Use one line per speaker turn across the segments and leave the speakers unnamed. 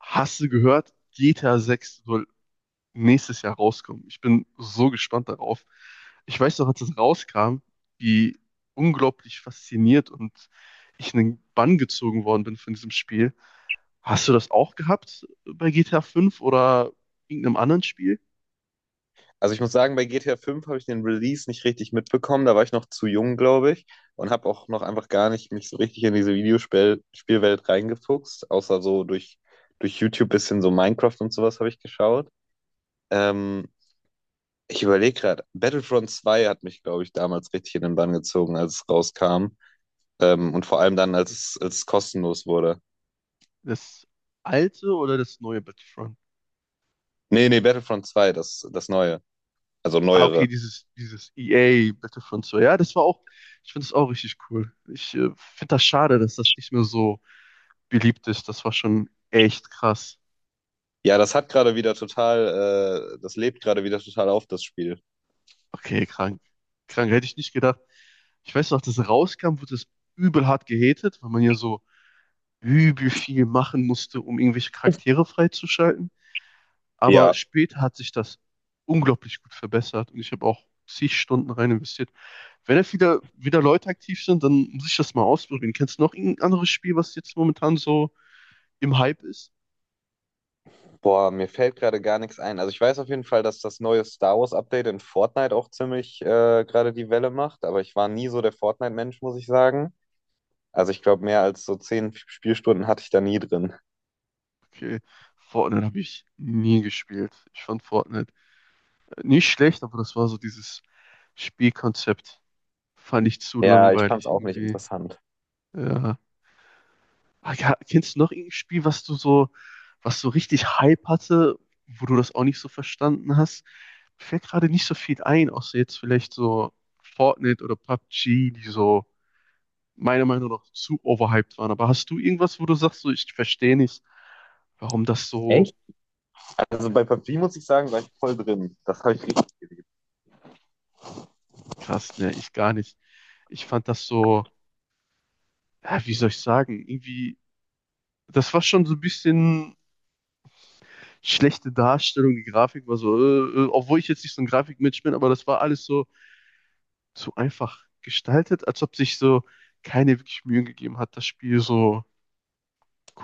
Hast du gehört, GTA 6 soll nächstes Jahr rauskommen? Ich bin so gespannt darauf. Ich weiß noch, als es rauskam, wie unglaublich fasziniert und ich in den Bann gezogen worden bin von diesem Spiel. Hast du das auch gehabt bei GTA 5 oder irgendeinem anderen Spiel?
Also ich muss sagen, bei GTA 5 habe ich den Release nicht richtig mitbekommen. Da war ich noch zu jung, glaube ich, und habe auch noch einfach gar nicht mich so richtig in diese Videospielwelt reingefuchst, außer so durch YouTube bisschen so Minecraft und sowas habe ich geschaut. Ähm, Ich überlege gerade, Battlefront 2 hat mich, glaube ich, damals richtig in den Bann gezogen, als es rauskam. Und vor allem dann, als es kostenlos wurde.
Das alte oder das neue Battlefront?
Nee, nee, Battlefront 2, das neue. Also
Ah, okay,
neuere.
dieses EA Battlefront 2. Ja, das war auch, ich finde das auch richtig cool. Ich finde das schade, dass das nicht mehr so beliebt ist. Das war schon echt krass.
Ja, das hat gerade wieder total, das lebt gerade wieder total auf, das Spiel.
Okay, krank. Krank, hätte ich nicht gedacht. Ich weiß noch, als das rauskam, wurde das übel hart gehatet, weil man ja so übel viel machen musste, um irgendwelche Charaktere freizuschalten. Aber
Ja.
später hat sich das unglaublich gut verbessert und ich habe auch zig Stunden rein investiert. Wenn jetzt wieder Leute aktiv sind, dann muss ich das mal ausprobieren. Kennst du noch irgendein anderes Spiel, was jetzt momentan so im Hype ist?
Boah, mir fällt gerade gar nichts ein. Also ich weiß auf jeden Fall, dass das neue Star Wars Update in Fortnite auch ziemlich gerade die Welle macht, aber ich war nie so der Fortnite-Mensch, muss ich sagen. Also ich glaube, mehr als so 10 Spielstunden hatte ich da nie drin.
Okay, Fortnite habe ich nie gespielt. Ich fand Fortnite nicht schlecht, aber das war so dieses Spielkonzept. Fand ich zu
Ja, ich fand es
langweilig
auch nicht
irgendwie.
interessant.
Ja. Ah, ja, kennst du noch irgendein Spiel, was du so, was so richtig Hype hatte, wo du das auch nicht so verstanden hast? Mir fällt gerade nicht so viel ein, außer jetzt vielleicht so Fortnite oder PUBG, die so meiner Meinung nach zu overhyped waren. Aber hast du irgendwas, wo du sagst, so, ich verstehe nicht, warum das so
Also bei PUBG muss ich sagen, war ich voll drin. Das habe ich richtig geliebt.
krass, ne, ich gar nicht. Ich fand das so, ja, wie soll ich sagen, irgendwie, das war schon so ein bisschen schlechte Darstellung, die Grafik war so, obwohl ich jetzt nicht so ein Grafikmensch bin, aber das war alles so, so einfach gestaltet, als ob sich so keine wirklich Mühe gegeben hat, das Spiel so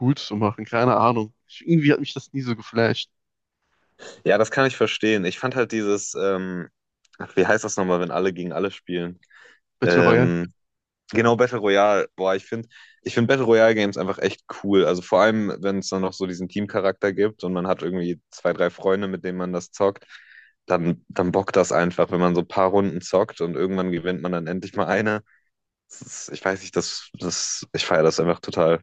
cool zu machen. Keine Ahnung. Ich, irgendwie hat mich das nie so geflasht.
Ja, das kann ich verstehen. Ich fand halt dieses, ach, wie heißt das nochmal, wenn alle gegen alle spielen?
Battle Royale.
Ähm, Genau, Battle Royale. Boah, ich finde Battle Royale Games einfach echt cool. Also vor allem, wenn es dann noch so diesen Teamcharakter gibt und man hat irgendwie zwei, drei Freunde, mit denen man das zockt, dann bockt das einfach, wenn man so ein paar Runden zockt und irgendwann gewinnt man dann endlich mal eine. Das ist, ich weiß nicht, ich feiere das einfach total.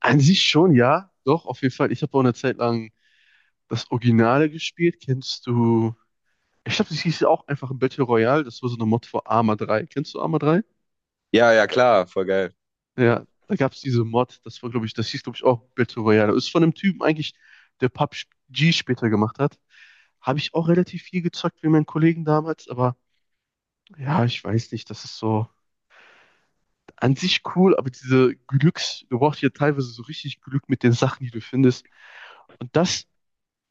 An sich schon, ja. Doch, auf jeden Fall. Ich habe auch eine Zeit lang das Originale gespielt. Kennst du? Ich glaube, das hieß ja auch einfach Battle Royale. Das war so eine Mod für Arma 3. Kennst du Arma 3?
Ja, ja, klar, voll geil.
Ja, da gab es diese Mod. Das war, glaube ich, das hieß, glaube ich, auch Battle Royale. Ist von einem Typen eigentlich, der PUBG später gemacht hat. Habe ich auch relativ viel gezockt wie meinen Kollegen damals, aber ja, ich weiß nicht, das ist so an sich cool, aber diese Glücks, du brauchst ja teilweise so richtig Glück mit den Sachen, die du findest. Und das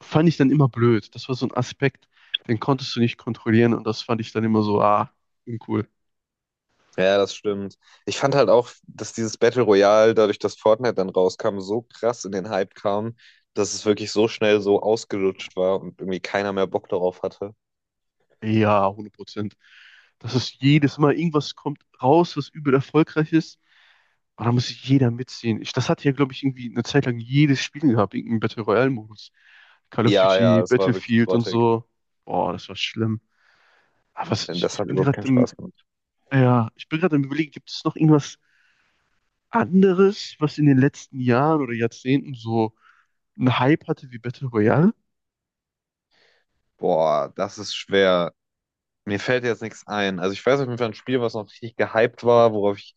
fand ich dann immer blöd. Das war so ein Aspekt, den konntest du nicht kontrollieren und das fand ich dann immer so, ah, uncool.
Ja, das stimmt. Ich fand halt auch, dass dieses Battle Royale, dadurch, dass Fortnite dann rauskam, so krass in den Hype kam, dass es wirklich so schnell so ausgelutscht war und irgendwie keiner mehr Bock darauf hatte.
Ja, hundert Prozent. Das ist jedes Mal irgendwas kommt raus, was übel erfolgreich ist. Und da muss sich jeder mitziehen. Ich, das hatte ja, glaube ich, irgendwie eine Zeit lang jedes Spiel gehabt, irgendeinen Battle Royale-Modus. Call of
Ja, ja,
Duty,
es war wirklich
Battlefield und
grottig.
so. Boah, das war schlimm. Aber was,
Denn
ich,
das
ich
hat
bin
überhaupt keinen
gerade
Spaß gemacht.
ja, ich bin gerade am Überlegen, gibt es noch irgendwas anderes, was in den letzten Jahren oder Jahrzehnten so einen Hype hatte wie Battle Royale?
Boah, das ist schwer. Mir fällt jetzt nichts ein. Also ich weiß auf jeden Fall ein Spiel, was noch richtig gehypt war,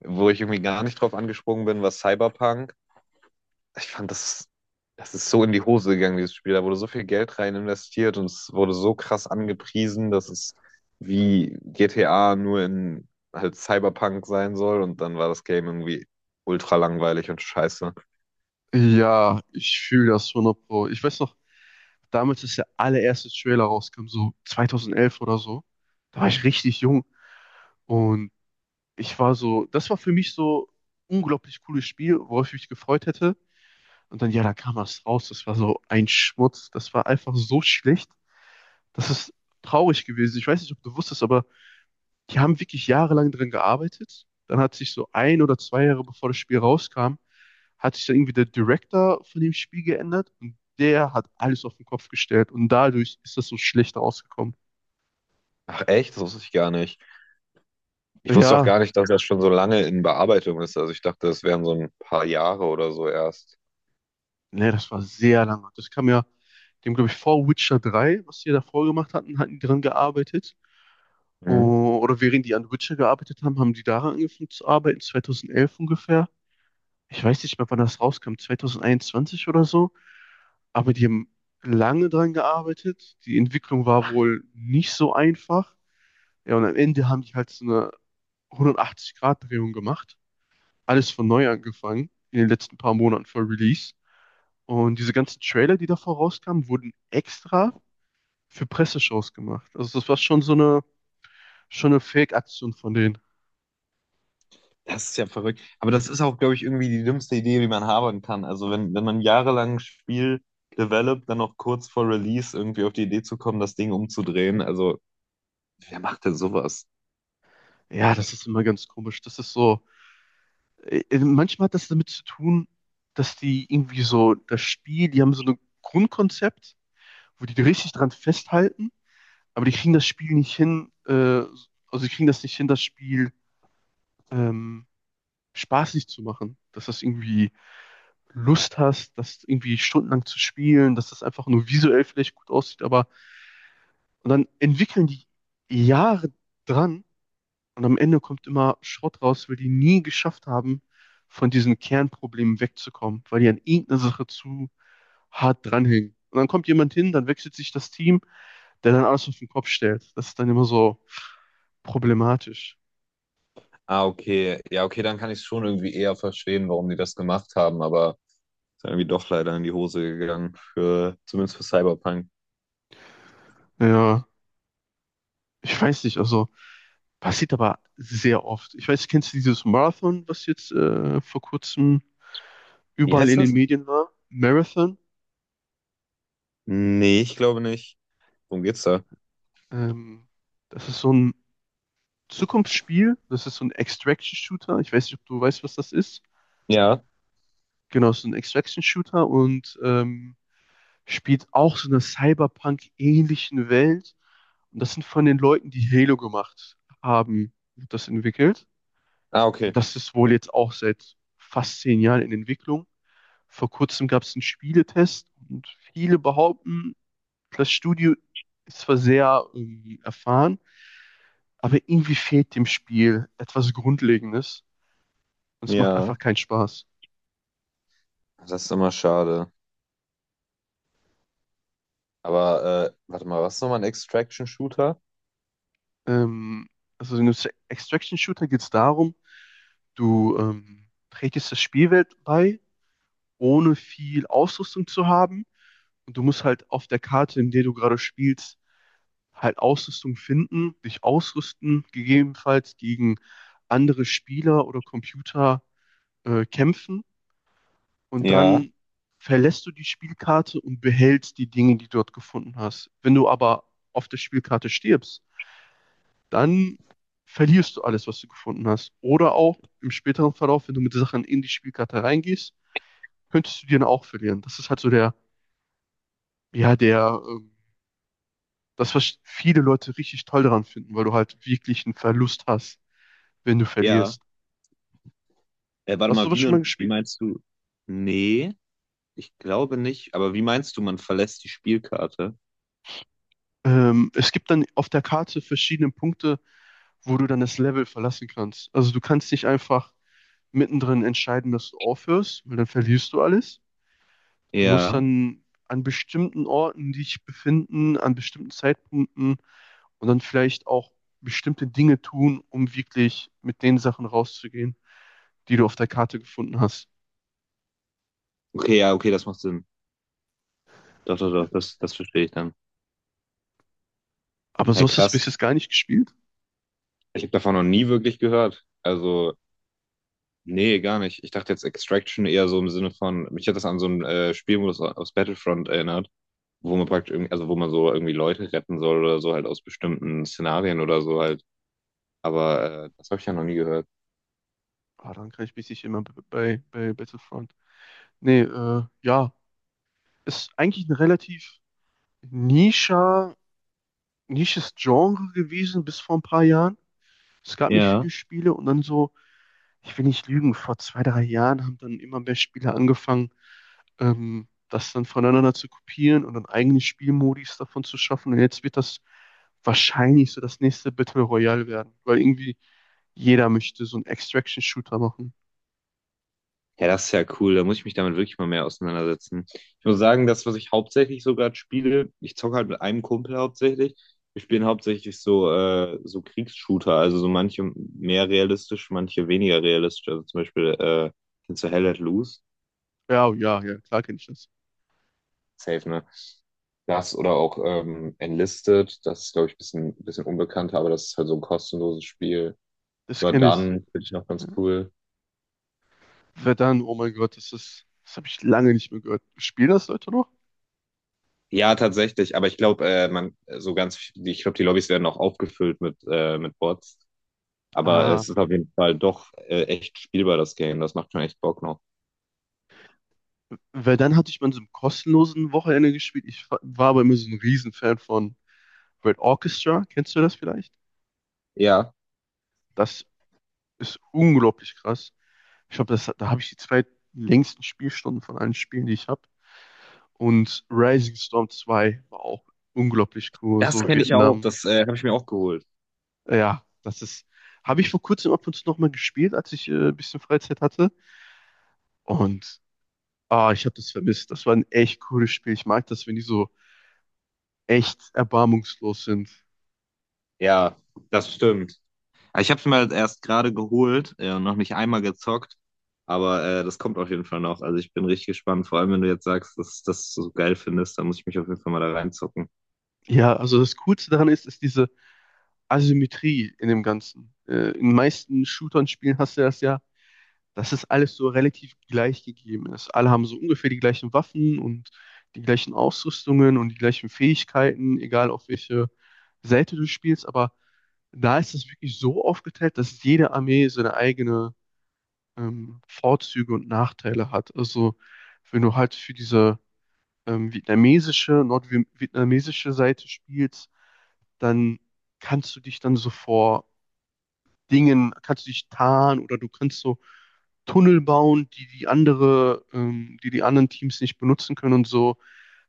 wo ich irgendwie gar nicht drauf angesprungen bin, war Cyberpunk. Ich fand das ist so in die Hose gegangen, dieses Spiel. Da wurde so viel Geld rein investiert und es wurde so krass angepriesen, dass es wie GTA nur in halt Cyberpunk sein soll und dann war das Game irgendwie ultra langweilig und scheiße.
Ja, ich fühle das 100 Pro. Ich weiß noch, damals, als der allererste Trailer rauskam, so 2011 oder so, da war ich richtig jung und ich war so, das war für mich so unglaublich cooles Spiel, worauf ich mich gefreut hätte. Und dann, ja, da kam was raus, das war so ein Schmutz, das war einfach so schlecht, das ist traurig gewesen. Ich weiß nicht, ob du wusstest, aber die haben wirklich jahrelang dran gearbeitet. Dann hat sich so ein oder zwei Jahre bevor das Spiel rauskam, hat sich dann irgendwie der Director von dem Spiel geändert und der hat alles auf den Kopf gestellt und dadurch ist das so schlecht rausgekommen.
Ach echt? Das wusste ich gar nicht. Ich wusste auch
Ja,
gar nicht, dass das schon so lange in Bearbeitung ist. Also ich dachte, das wären so ein paar Jahre oder so erst.
ne, das war sehr lange. Das kam ja, dem glaube ich vor Witcher 3, was die davor gemacht hatten, hatten die dran gearbeitet.
Mhm.
Oder während die an Witcher gearbeitet haben, haben die daran angefangen zu arbeiten, 2011 ungefähr. Ich weiß nicht mehr, wann das rauskam, 2021 oder so. Aber die haben lange dran gearbeitet. Die Entwicklung war wohl nicht so einfach. Ja, und am Ende haben die halt so eine 180-Grad-Drehung gemacht. Alles von neu angefangen in den letzten paar Monaten vor Release. Und diese ganzen Trailer, die davor rauskamen, wurden extra für Presseshows gemacht. Also das war schon so eine, schon eine Fake-Aktion von denen.
Das ist ja verrückt. Aber das ist auch, glaube ich, irgendwie die dümmste Idee, die man haben kann. Also wenn man jahrelang ein Spiel developt, dann noch kurz vor Release irgendwie auf die Idee zu kommen, das Ding umzudrehen. Also wer macht denn sowas?
Ja, das ist immer ganz komisch. Das ist so, manchmal hat das damit zu tun, dass die irgendwie so das Spiel, die haben so ein Grundkonzept wo die richtig dran festhalten, aber die kriegen das Spiel nicht hin, also die kriegen das nicht hin, das Spiel ähm, spaßig zu machen, dass das irgendwie Lust hast, das irgendwie stundenlang zu spielen, dass das einfach nur visuell vielleicht gut aussieht, aber und dann entwickeln die Jahre dran und am Ende kommt immer Schrott raus, weil die nie geschafft haben, von diesen Kernproblemen wegzukommen, weil die an irgendeiner Sache zu hart dranhängen. Und dann kommt jemand hin, dann wechselt sich das Team der dann alles auf den Kopf stellt. Das ist dann immer so problematisch.
Ah, okay. Ja, okay, dann kann ich es schon irgendwie eher verstehen, warum die das gemacht haben. Aber ist irgendwie doch leider in die Hose gegangen, zumindest für Cyberpunk.
Ja, ich weiß nicht, also passiert aber sehr oft. Ich weiß, kennst du dieses Marathon, was jetzt vor kurzem
Wie
überall
heißt
in den
das?
Medien war? Marathon.
Nee, ich glaube nicht. Worum geht's da?
Ähm, Das ist so ein Zukunftsspiel. Das ist so ein Extraction-Shooter. Ich weiß nicht, ob du weißt, was das ist.
Ja.
Genau, so ein Extraction-Shooter und spielt auch so einer Cyberpunk-ähnlichen Welt. Und das sind von den Leuten, die Halo gemacht haben, wird das entwickelt.
Ah,
Und
okay.
das ist wohl jetzt auch seit fast 10 Jahren in Entwicklung. Vor kurzem gab es einen Spieletest und viele behaupten, das Studio ist zwar sehr erfahren, aber irgendwie fehlt dem Spiel etwas Grundlegendes und es macht
Ja,
einfach keinen Spaß.
das ist immer schade. Aber warte mal, was ist nochmal ein Extraction-Shooter?
Ähm, also in einem Extraction-Shooter geht es darum, du trägst das Spielwelt bei, ohne viel Ausrüstung zu haben. Und du musst halt auf der Karte, in der du gerade spielst, halt Ausrüstung finden, dich ausrüsten, gegebenenfalls gegen andere Spieler oder Computer kämpfen und
Ja.
dann verlässt du die Spielkarte und behältst die Dinge, die du dort gefunden hast. Wenn du aber auf der Spielkarte stirbst, dann verlierst du alles, was du gefunden hast. Oder auch im späteren Verlauf, wenn du mit Sachen in die Spielkarte reingehst, könntest du die dann auch verlieren. Das ist halt so der, ja, der, das, was viele Leute richtig toll daran finden, weil du halt wirklich einen Verlust hast, wenn du
Ja.
verlierst.
Warte
Hast du
mal,
sowas schon mal
wie
gespielt?
meinst du? Nee, ich glaube nicht. Aber wie meinst du, man verlässt die Spielkarte?
Es gibt dann auf der Karte verschiedene Punkte, wo du dann das Level verlassen kannst. Also du kannst nicht einfach mittendrin entscheiden, dass du aufhörst, weil dann verlierst du alles. Du musst
Ja.
dann an bestimmten Orten dich befinden, an bestimmten Zeitpunkten und dann vielleicht auch bestimmte Dinge tun, um wirklich mit den Sachen rauszugehen, die du auf der Karte gefunden hast.
Okay, ja, okay, das macht Sinn. Doch, doch, doch, das verstehe ich dann.
Aber so
Hä,
hast du es
krass.
bis jetzt gar nicht gespielt.
Ich habe davon noch nie wirklich gehört. Also, nee, gar nicht. Ich dachte jetzt Extraction eher so im Sinne von, mich hat das an so einen Spielmodus aus Battlefront erinnert. Wo man praktisch irgendwie, also wo man so irgendwie Leute retten soll oder so halt aus bestimmten Szenarien oder so halt. Aber das habe ich ja noch nie gehört.
Ah, dann kann ich mich nicht immer bei Battlefront. Nee, ja, ist eigentlich ein relativ nischer, nisches Genre gewesen bis vor ein paar Jahren. Es gab nicht
Ja.
viele Spiele und dann so, ich will nicht lügen, vor zwei, drei Jahren haben dann immer mehr Spieler angefangen, das dann voneinander zu kopieren und dann eigene Spielmodis davon zu schaffen. Und jetzt wird das wahrscheinlich so das nächste Battle Royale werden, weil irgendwie jeder möchte so einen Extraction-Shooter machen.
Ja, das ist ja cool. Da muss ich mich damit wirklich mal mehr auseinandersetzen. Ich muss sagen, das, was ich hauptsächlich so gerade spiele, ich zocke halt mit einem Kumpel hauptsächlich. Wir spielen hauptsächlich so, so Kriegsshooter, also so manche mehr realistisch, manche weniger realistisch. Also zum Beispiel, kennst du Hell Let Loose?
Ja, ja, ja, klar kenne ich das.
Safe, ne? Das oder auch Enlisted, das ist, glaube ich, ein bisschen unbekannter, aber das ist halt so ein kostenloses Spiel.
Das kenne ich.
Jordan finde ich noch ganz
Ja.
cool.
Verdun, oh mein Gott, das ist, das habe ich lange nicht mehr gehört. Spielen das Leute noch?
Ja, tatsächlich, aber ich glaube, man, so ganz, viel- ich glaube, die Lobbys werden auch aufgefüllt mit Bots. Aber
Ah,
es ist auf jeden Fall doch echt spielbar, das Game. Das macht schon echt Bock noch.
Verdun hatte ich mal in so einem kostenlosen Wochenende gespielt. Ich war aber immer so ein Riesenfan von Red Orchestra. Kennst du das vielleicht?
Ja,
Das ist unglaublich krass. Ich glaube, das, da habe ich die 2 längsten Spielstunden von allen Spielen, die ich habe. Und Rising Storm 2 war auch unglaublich cool.
das
So
kenne ich auch.
Vietnam.
Das habe ich mir auch geholt.
Ja, das ist. Habe ich vor kurzem ab und zu nochmal gespielt, als ich ein bisschen Freizeit hatte. Und ah, ich habe das vermisst. Das war ein echt cooles Spiel. Ich mag das, wenn die so echt erbarmungslos sind.
Ja, das stimmt. Ich habe es mir halt erst gerade geholt und noch nicht einmal gezockt. Aber das kommt auf jeden Fall noch. Also ich bin richtig gespannt. Vor allem, wenn du jetzt sagst, dass du das so geil findest, dann muss ich mich auf jeden Fall mal da reinzocken.
Ja, also das Coolste daran ist, ist diese Asymmetrie in dem Ganzen. In den meisten Shootern-Spielen hast du das ja, dass es alles so relativ gleich gegeben ist. Alle haben so ungefähr die gleichen Waffen und die gleichen Ausrüstungen und die gleichen Fähigkeiten, egal auf welche Seite du spielst. Aber da ist es wirklich so aufgeteilt, dass jede Armee seine eigene Vorzüge und Nachteile hat. Also wenn du halt für diese vietnamesische, nordvietnamesische Seite spielst, dann kannst du dich dann so vor Dingen, kannst du dich tarnen oder du kannst so Tunnel bauen, die die anderen Teams nicht benutzen können und so.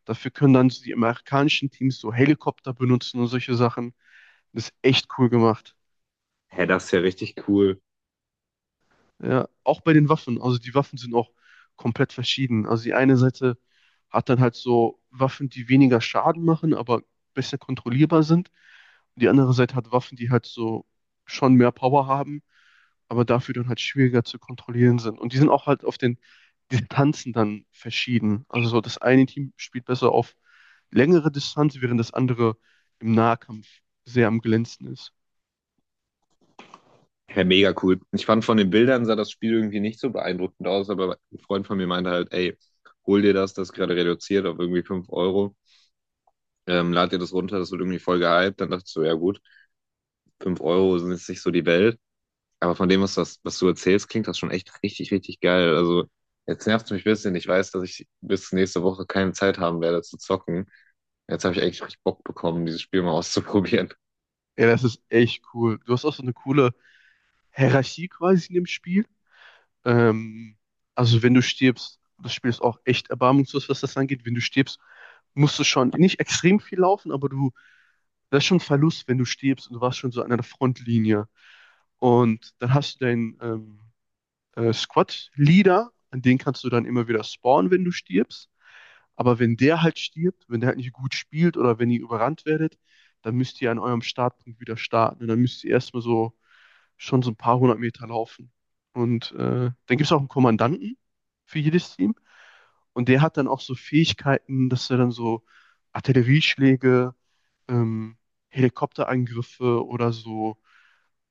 Dafür können dann so die amerikanischen Teams so Helikopter benutzen und solche Sachen. Das ist echt cool gemacht.
Hä, das ist ja richtig cool.
Ja, auch bei den Waffen. Also die Waffen sind auch komplett verschieden. Also die eine Seite hat dann halt so Waffen, die weniger Schaden machen, aber besser kontrollierbar sind. Und die andere Seite hat Waffen, die halt so schon mehr Power haben, aber dafür dann halt schwieriger zu kontrollieren sind. Und die sind auch halt auf den Distanzen dann verschieden. Also so das eine Team spielt besser auf längere Distanz, während das andere im Nahkampf sehr am glänzen ist.
Ja, mega cool. Ich fand von den Bildern sah das Spiel irgendwie nicht so beeindruckend aus, aber ein Freund von mir meinte halt, ey, hol dir das, das ist gerade reduziert auf irgendwie 5 Euro. Lad dir das runter, das wird irgendwie voll gehypt. Dann dachte ich so, ja gut, 5 Euro sind jetzt nicht so die Welt. Aber von dem, das, was du erzählst, klingt das schon echt richtig, richtig geil. Also jetzt nervt es mich ein bisschen. Ich weiß, dass ich bis nächste Woche keine Zeit haben werde zu zocken. Jetzt habe ich echt richtig Bock bekommen, dieses Spiel mal auszuprobieren.
Ja, das ist echt cool. Du hast auch so eine coole Hierarchie quasi in dem Spiel. Ähm, also wenn du stirbst, das Spiel ist auch echt erbarmungslos, was das angeht. Wenn du stirbst, musst du schon nicht extrem viel laufen, aber du, das ist schon ein Verlust, wenn du stirbst und du warst schon so an der Frontlinie. Und dann hast du deinen Squad-Leader, an den kannst du dann immer wieder spawnen, wenn du stirbst. Aber wenn der halt stirbt, wenn der halt nicht gut spielt oder wenn ihr überrannt werdet, dann müsst ihr an eurem Startpunkt wieder starten. Und dann müsst ihr erstmal so schon so ein paar 100 Meter laufen. Und dann gibt es auch einen Kommandanten für jedes Team. Und der hat dann auch so Fähigkeiten, dass er dann so Artillerieschläge, ähm, Helikopterangriffe oder so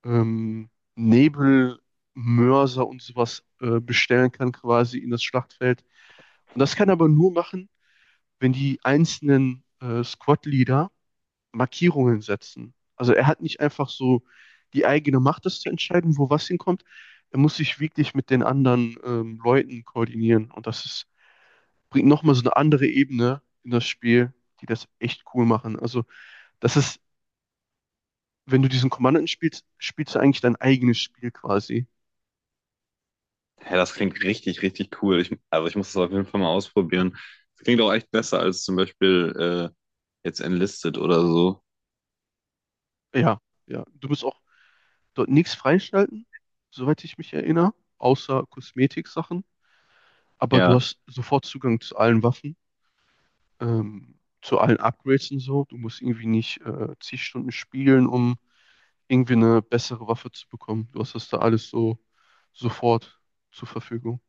Nebelmörser und sowas bestellen kann, quasi in das Schlachtfeld. Und das kann er aber nur machen, wenn die einzelnen Squad-Leader Markierungen setzen. Also er hat nicht einfach so die eigene Macht, das zu entscheiden, wo was hinkommt. Er muss sich wirklich mit den anderen Leuten koordinieren. Und das ist, bringt nochmal so eine andere Ebene in das Spiel, die das echt cool machen. Also das ist, wenn du diesen Kommandanten spielst, spielst du eigentlich dein eigenes Spiel quasi.
Hä, das klingt richtig, richtig cool. Also ich muss das auf jeden Fall mal ausprobieren. Das klingt auch echt besser als zum Beispiel jetzt Enlisted oder so.
Ja, ja. Du musst auch dort nichts freischalten, soweit ich mich erinnere, außer Kosmetiksachen. Aber du
Ja.
hast sofort Zugang zu allen Waffen, zu allen Upgrades und so. Du musst irgendwie nicht zig Stunden spiegeln, um irgendwie eine bessere Waffe zu bekommen. Du hast das da alles so sofort zur Verfügung.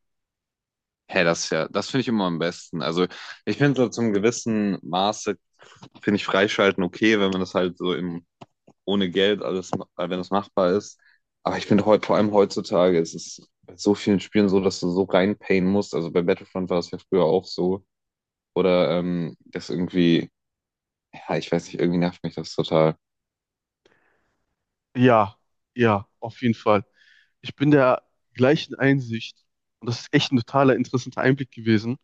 Hä, das finde ich immer am besten. Also ich finde so zum gewissen Maße, finde ich Freischalten okay, wenn man das halt so im, ohne Geld alles, wenn das machbar ist. Aber ich finde heute, vor allem heutzutage, es ist bei so vielen Spielen so, dass du so reinpayen musst. Also bei Battlefront war das ja früher auch so. Oder das irgendwie, ja, ich weiß nicht, irgendwie nervt mich das total.
Ja, ja, auf jeden Fall. Ich bin der gleichen Einsicht und das ist echt ein totaler interessanter Einblick gewesen.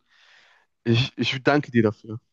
Ich danke dir dafür.